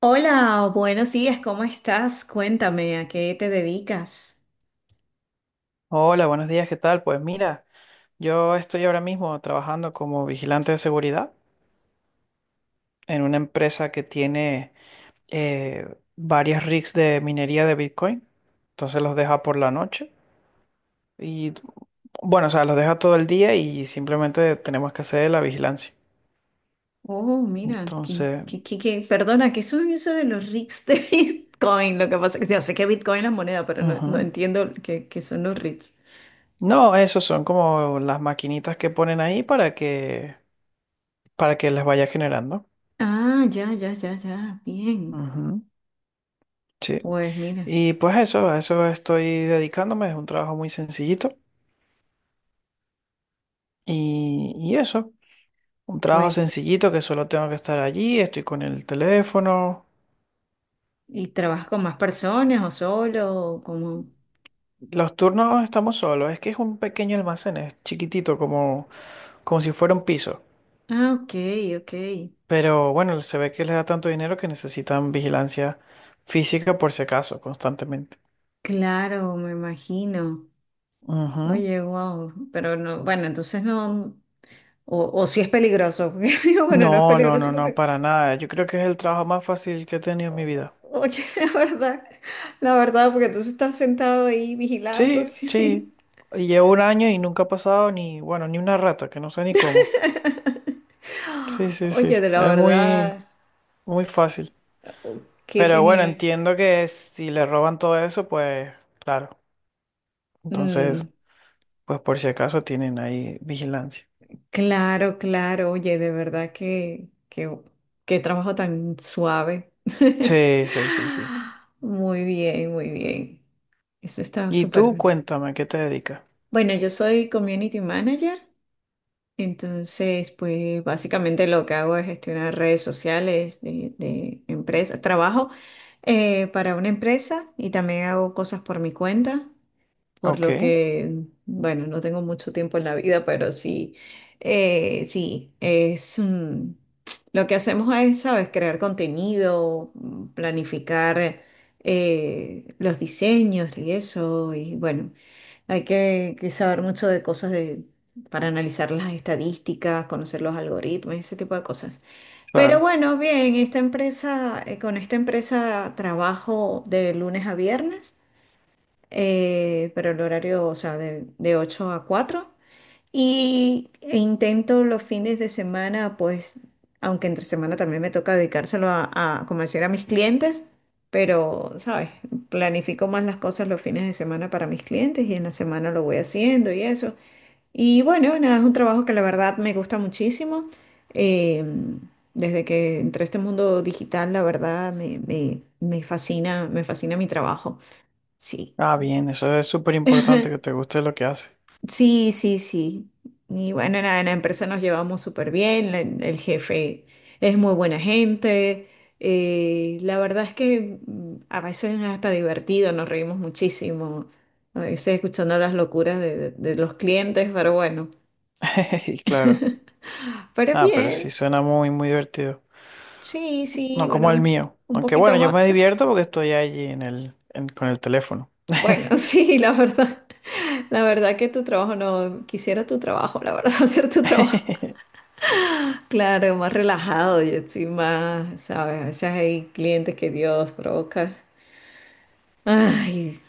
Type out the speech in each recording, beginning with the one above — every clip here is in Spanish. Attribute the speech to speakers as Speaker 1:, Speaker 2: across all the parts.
Speaker 1: Hola, buenos días, ¿cómo estás? Cuéntame, ¿a qué te dedicas?
Speaker 2: Hola, buenos días, ¿qué tal? Pues mira, yo estoy ahora mismo trabajando como vigilante de seguridad en una empresa que tiene eh, varias rigs de minería de Bitcoin. Entonces los deja por la noche y bueno, o sea, los deja todo el día y simplemente tenemos que hacer la vigilancia.
Speaker 1: Oh, mira,
Speaker 2: Entonces,
Speaker 1: perdona, ¿qué soy eso de los REITs de Bitcoin? Lo que pasa es que yo sé que Bitcoin es la moneda, pero no, no
Speaker 2: ujú.
Speaker 1: entiendo qué son los REITs.
Speaker 2: No, esos son como las maquinitas que ponen ahí para que les vaya generando.
Speaker 1: Ah, ya, ya, ya, ya, bien.
Speaker 2: Ujú, sí.
Speaker 1: Pues mira,
Speaker 2: Y pues eso, a eso estoy dedicándome, es un trabajo muy sencillito. Y eso, un trabajo
Speaker 1: pues,
Speaker 2: sencillito que solo tengo que estar allí, estoy con el teléfono.
Speaker 1: ¿y trabajas con más personas o solo? Como...
Speaker 2: Los turnos estamos solos, es que es un pequeño almacén, es chiquitito, como, como si fuera un piso.
Speaker 1: Ah, ok, ok.
Speaker 2: Pero bueno, se ve que les da tanto dinero que necesitan vigilancia física por si acaso, constantemente.
Speaker 1: Claro, me imagino.
Speaker 2: Ujú.
Speaker 1: Oye, wow, pero no, bueno, entonces no. O si es peligroso. Porque digo, bueno, no es
Speaker 2: No, no, no,
Speaker 1: peligroso
Speaker 2: no,
Speaker 1: porque,
Speaker 2: para nada. Yo creo que es el trabajo más fácil que he tenido en mi
Speaker 1: o-
Speaker 2: vida.
Speaker 1: oye, la verdad, porque tú estás sentado ahí vigilando,
Speaker 2: Sí, sí.
Speaker 1: sí.
Speaker 2: Y llevo un año y nunca ha pasado ni, bueno, ni una rata, que no sé ni cómo. Sí, sí,
Speaker 1: Oye,
Speaker 2: sí.
Speaker 1: de la
Speaker 2: Es muy,
Speaker 1: verdad,
Speaker 2: muy fácil.
Speaker 1: oh, qué
Speaker 2: Pero bueno,
Speaker 1: genial.
Speaker 2: entiendo que si le roban todo eso, pues, claro. Entonces,
Speaker 1: Mm,
Speaker 2: pues por si acaso tienen ahí vigilancia.
Speaker 1: claro, claro, oye, de verdad qué trabajo tan suave.
Speaker 2: Sí, sí, sí, sí.
Speaker 1: Muy bien, muy bien. Eso está
Speaker 2: Y
Speaker 1: súper
Speaker 2: tú,
Speaker 1: bien.
Speaker 2: cuéntame, ¿a ¿qué te dedicas?
Speaker 1: Bueno, yo soy community manager. Entonces, pues básicamente lo que hago es gestionar redes sociales de empresa. Trabajo para una empresa y también hago cosas por mi cuenta por
Speaker 2: Ok,
Speaker 1: lo que, bueno, no tengo mucho tiempo en la vida, pero sí, sí, es lo que hacemos es, ¿sabes? Crear contenido, planificar los diseños y eso, y bueno, que saber mucho de cosas de, para analizar las estadísticas, conocer los algoritmos, ese tipo de cosas. Pero
Speaker 2: claro.
Speaker 1: bueno, bien, esta empresa, con esta empresa trabajo de lunes a viernes pero el horario, o sea, de 8 a 4. Y e intento los fines de semana, pues, aunque entre semana también me toca dedicárselo a convencer a mis clientes, pero, ¿sabes? Planifico más las cosas los fines de semana para mis clientes y en la semana lo voy haciendo y eso. Y bueno, nada, es un trabajo que la verdad me gusta muchísimo. Eh, Desde que entré a este mundo digital, la verdad me fascina mi trabajo. Sí.
Speaker 2: Ah, bien, eso es súper importante que te guste lo que haces.
Speaker 1: Sí, sí, sí. Y bueno, nada, en la empresa nos llevamos súper bien, el jefe es muy buena gente. La verdad es que a veces es hasta divertido, nos reímos muchísimo, a veces escuchando las locuras de los clientes, pero bueno.
Speaker 2: Claro.
Speaker 1: Pero
Speaker 2: Ah, pero sí
Speaker 1: bien,
Speaker 2: suena muy, muy divertido.
Speaker 1: sí, sí,
Speaker 2: No como el
Speaker 1: bueno,
Speaker 2: mío.
Speaker 1: un
Speaker 2: Aunque
Speaker 1: poquito
Speaker 2: bueno, yo
Speaker 1: más.
Speaker 2: me divierto porque estoy allí en con el teléfono.
Speaker 1: Bueno, sí, la verdad que tu trabajo no, quisiera tu trabajo, la verdad, hacer tu trabajo. Claro, más relajado, yo estoy más, ¿sabes? A veces hay clientes que Dios provoca. Ay,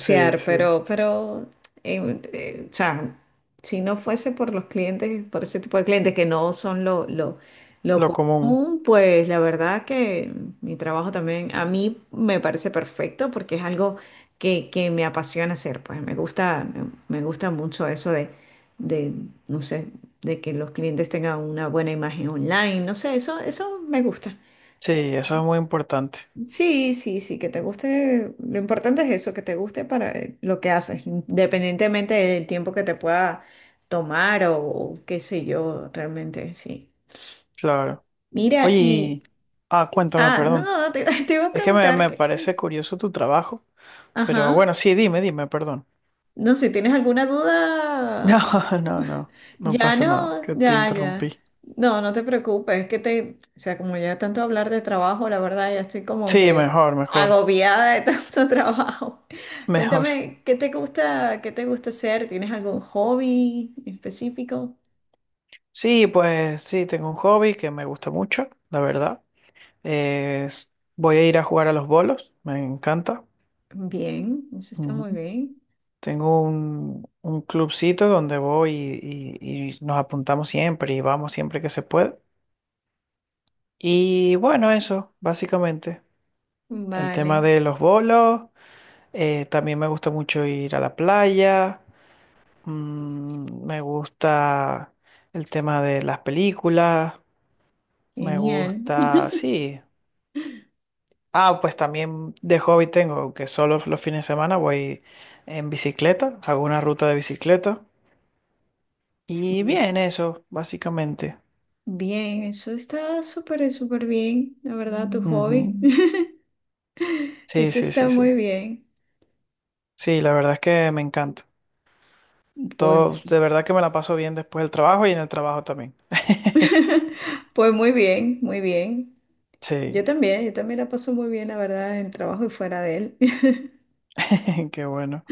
Speaker 2: Sí, sí.
Speaker 1: pero, o sea, si no fuese por los clientes, por ese tipo de clientes que no son lo
Speaker 2: Lo común.
Speaker 1: común, pues la verdad que mi trabajo también a mí me parece perfecto porque es algo que me apasiona hacer, pues me gusta, me gusta mucho eso de, no sé, de que los clientes tengan una buena imagen online, no sé, eso me gusta.
Speaker 2: Sí, eso es muy importante.
Speaker 1: Sí, sí, sí, que te guste. Lo importante es eso, que te guste para lo que haces, independientemente del tiempo que te pueda tomar o qué sé yo, realmente, sí.
Speaker 2: Claro.
Speaker 1: Mira,
Speaker 2: Oye,
Speaker 1: y...
Speaker 2: y- ah, cuéntame,
Speaker 1: Ah, no,
Speaker 2: perdón.
Speaker 1: no, no, te, te iba a
Speaker 2: Es que
Speaker 1: preguntar
Speaker 2: me
Speaker 1: que...
Speaker 2: parece curioso tu trabajo. Pero
Speaker 1: Ajá.
Speaker 2: bueno, sí, dime, dime, perdón.
Speaker 1: No sé, ¿tienes alguna
Speaker 2: No,
Speaker 1: duda?
Speaker 2: no, no. No
Speaker 1: Ya
Speaker 2: pasa nada,
Speaker 1: no,
Speaker 2: que te
Speaker 1: ya, ya.
Speaker 2: interrumpí.
Speaker 1: No, no te preocupes, es que te, o sea, como ya tanto hablar de trabajo, la verdad ya estoy como
Speaker 2: Sí,
Speaker 1: que
Speaker 2: mejor, mejor,
Speaker 1: agobiada de tanto trabajo.
Speaker 2: mejor.
Speaker 1: Cuéntame, qué te gusta hacer? ¿Tienes algún hobby específico?
Speaker 2: Sí, pues sí, tengo un hobby que me gusta mucho, la verdad. Eh, s- voy a ir a jugar a los bolos, me encanta.
Speaker 1: Bien, eso está
Speaker 2: Ujú.
Speaker 1: muy bien.
Speaker 2: Tengo un clubcito donde voy y nos apuntamos siempre y vamos siempre que se puede. Y bueno, eso, básicamente. El tema
Speaker 1: Vale,
Speaker 2: de los bolos, también me gusta mucho ir a la playa, mm, me gusta el tema de las películas, me
Speaker 1: genial.
Speaker 2: gusta, sí. Ah, pues también de hobby tengo que solo los fines de semana voy en bicicleta, hago una ruta de bicicleta y
Speaker 1: Mm.
Speaker 2: bien eso, básicamente.
Speaker 1: Bien, eso está súper, súper bien, la verdad, tu hobby.
Speaker 2: Ujú. Sí,
Speaker 1: Eso
Speaker 2: sí,
Speaker 1: está
Speaker 2: sí, sí.
Speaker 1: muy bien.
Speaker 2: Sí, la verdad es que me encanta. Todo,
Speaker 1: Pues,
Speaker 2: de verdad que me la paso bien después del trabajo y en el trabajo también.
Speaker 1: pues muy bien, muy bien.
Speaker 2: Sí,
Speaker 1: Yo también la paso muy bien, la verdad, en trabajo y fuera de él.
Speaker 2: qué bueno.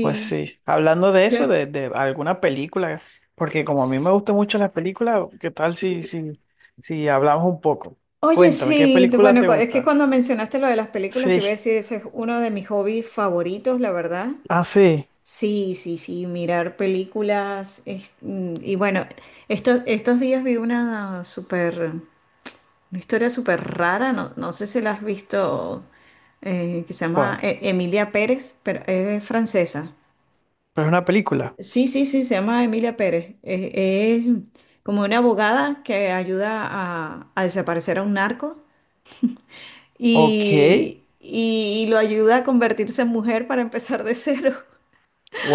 Speaker 2: Pues sí, hablando de eso,
Speaker 1: yo.
Speaker 2: de alguna película, porque como a mí me gustan mucho las películas, ¿qué tal si hablamos un poco?
Speaker 1: Oye,
Speaker 2: Cuéntame, ¿qué
Speaker 1: sí, de-
Speaker 2: película
Speaker 1: bueno,
Speaker 2: te
Speaker 1: cu- es que
Speaker 2: gusta?
Speaker 1: cuando mencionaste lo de las películas, te iba a
Speaker 2: Sí.
Speaker 1: decir, ese es uno de mis hobbies favoritos, la verdad.
Speaker 2: Ah, sí.
Speaker 1: Sí, sí, sí, mirar películas. Es- y bueno, estos días vi una super una historia súper rara, no, no sé si la has visto, que se llama
Speaker 2: ¿Cuál?
Speaker 1: Emilia Pérez, pero es francesa.
Speaker 2: Pero es una película.
Speaker 1: Sí, sí, sí, se llama Emilia Pérez. Es como una abogada que ayuda a desaparecer a un narco
Speaker 2: Ok.
Speaker 1: y lo ayuda a convertirse en mujer para empezar de cero.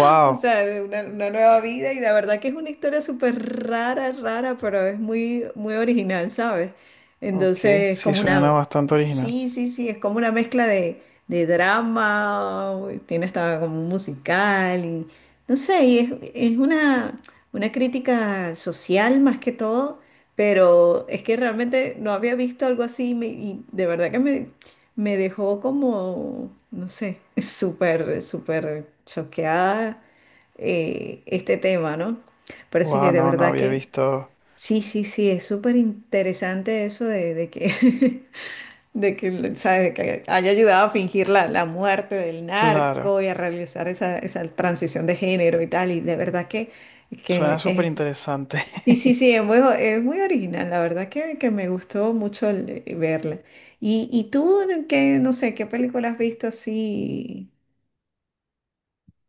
Speaker 1: O sea, de una nueva vida y la verdad que es una historia súper rara, rara, pero es muy, muy original, ¿sabes?
Speaker 2: Ok.
Speaker 1: Entonces es
Speaker 2: Sí,
Speaker 1: como
Speaker 2: suena
Speaker 1: una,
Speaker 2: bastante original.
Speaker 1: sí, sí, sí, es como una mezcla de drama, tiene hasta como un musical y no sé, es una crítica social más que todo, pero es que realmente no había visto algo así y me- y de verdad que me dejó como, no sé, súper, súper choqueada este tema, ¿no? Parece
Speaker 2: Wow,
Speaker 1: que de
Speaker 2: no, no
Speaker 1: verdad
Speaker 2: había
Speaker 1: que
Speaker 2: visto.
Speaker 1: sí, sí, sí, es súper interesante eso de que, de que, ¿sabes? De que haya ayudado a fingir la, la muerte del narco
Speaker 2: Claro.
Speaker 1: y a realizar esa, esa transición de género y tal, y de verdad
Speaker 2: Suena
Speaker 1: que
Speaker 2: súper
Speaker 1: es,
Speaker 2: interesante.
Speaker 1: sí, sí, sí, es muy original, la verdad que me gustó mucho el- verla. Y tú, qué, no sé, qué película has visto así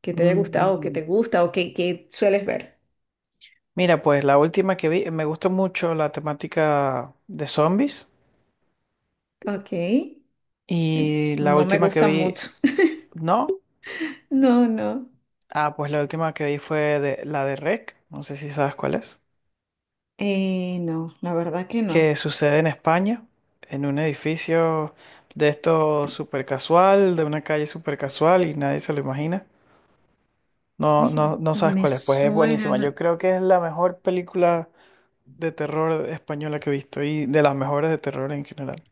Speaker 1: que te haya gustado, o que te
Speaker 2: Mm.
Speaker 1: gusta, o que sueles ver?
Speaker 2: Mira, pues la última que vi, me gustó mucho la temática de zombies.
Speaker 1: Ok.
Speaker 2: Y la
Speaker 1: No me
Speaker 2: última que
Speaker 1: gusta
Speaker 2: vi,
Speaker 1: mucho.
Speaker 2: no.
Speaker 1: No, no.
Speaker 2: Ah, pues la última que vi fue de, la de REC. No sé si sabes cuál es.
Speaker 1: No, la verdad que no.
Speaker 2: Que sucede en España, en un edificio de esto súper casual, de una calle súper casual y nadie se lo imagina. No, no,
Speaker 1: Oye,
Speaker 2: no sabes
Speaker 1: me
Speaker 2: cuál es, pues es
Speaker 1: suena.
Speaker 2: buenísima.
Speaker 1: No-
Speaker 2: Yo creo que es la mejor película de terror española que he visto y de las mejores de terror en general.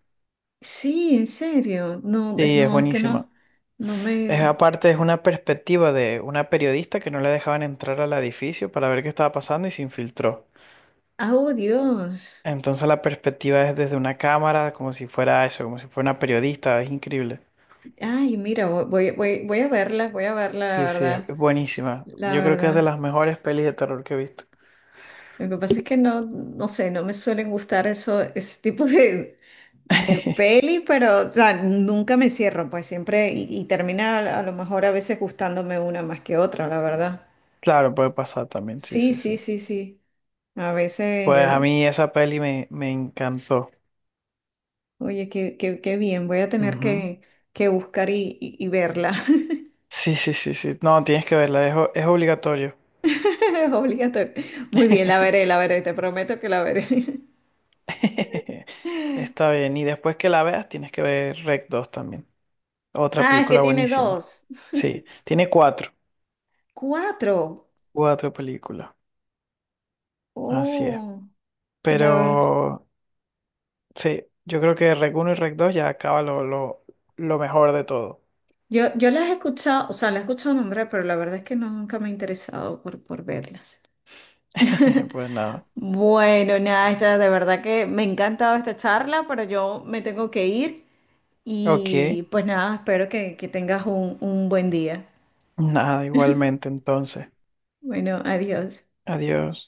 Speaker 1: Sí, en serio. No, es-
Speaker 2: Sí, es
Speaker 1: no, es que
Speaker 2: buenísima.
Speaker 1: no. No
Speaker 2: Es
Speaker 1: me.
Speaker 2: aparte, es una perspectiva de una periodista que no le dejaban entrar al edificio para ver qué estaba pasando y se infiltró.
Speaker 1: Ah, Oh, Dios.
Speaker 2: Entonces la perspectiva es desde una cámara, como si fuera eso, como si fuera una periodista, es increíble.
Speaker 1: Ay, mira, vo- voy, voy, voy a verla, la
Speaker 2: Sí, sí, es
Speaker 1: verdad.
Speaker 2: es buenísima.
Speaker 1: La
Speaker 2: Yo creo que es de
Speaker 1: verdad.
Speaker 2: las mejores pelis de terror que he visto.
Speaker 1: Lo que pasa es que no, no sé, no me suelen gustar eso, ese tipo de peli, pero, o sea, nunca me cierro, pues siempre, y termina a lo mejor a veces gustándome una más que otra, la verdad.
Speaker 2: Claro, puede pasar también, sí,
Speaker 1: Sí,
Speaker 2: sí,
Speaker 1: sí,
Speaker 2: sí.
Speaker 1: sí, sí. A veces yo
Speaker 2: Pues a
Speaker 1: no.
Speaker 2: mí esa peli me encantó.
Speaker 1: Oye, qué, qué, qué bien. Voy a tener
Speaker 2: Ujú.
Speaker 1: que buscar y, y verla.
Speaker 2: Sí, sí, sí, sí. No, tienes que verla, es obligatorio.
Speaker 1: Es obligatorio. Muy bien, la veré, la veré. Te prometo que la veré.
Speaker 2: Está bien, y después que la veas tienes que ver Rec 2 también. Otra
Speaker 1: Ah, es que
Speaker 2: película
Speaker 1: tiene
Speaker 2: buenísima.
Speaker 1: 2.
Speaker 2: Sí, tiene cuatro,
Speaker 1: Cuatro.
Speaker 2: cuatro películas. Así es.
Speaker 1: Oh, la verdad.
Speaker 2: Pero sí, yo creo que Rec uno y Rec 2 ya acaba lo mejor de todo.
Speaker 1: Yo las he escuchado, o sea, las he escuchado nombrar, pero la verdad es que no, nunca me he interesado por verlas.
Speaker 2: Pues nada.
Speaker 1: Bueno, nada, esta, de verdad que me ha encantado esta charla, pero yo me tengo que ir.
Speaker 2: Ok.
Speaker 1: Y pues nada, espero que tengas un buen día.
Speaker 2: Nada, igualmente entonces.
Speaker 1: Bueno, adiós.
Speaker 2: Adiós.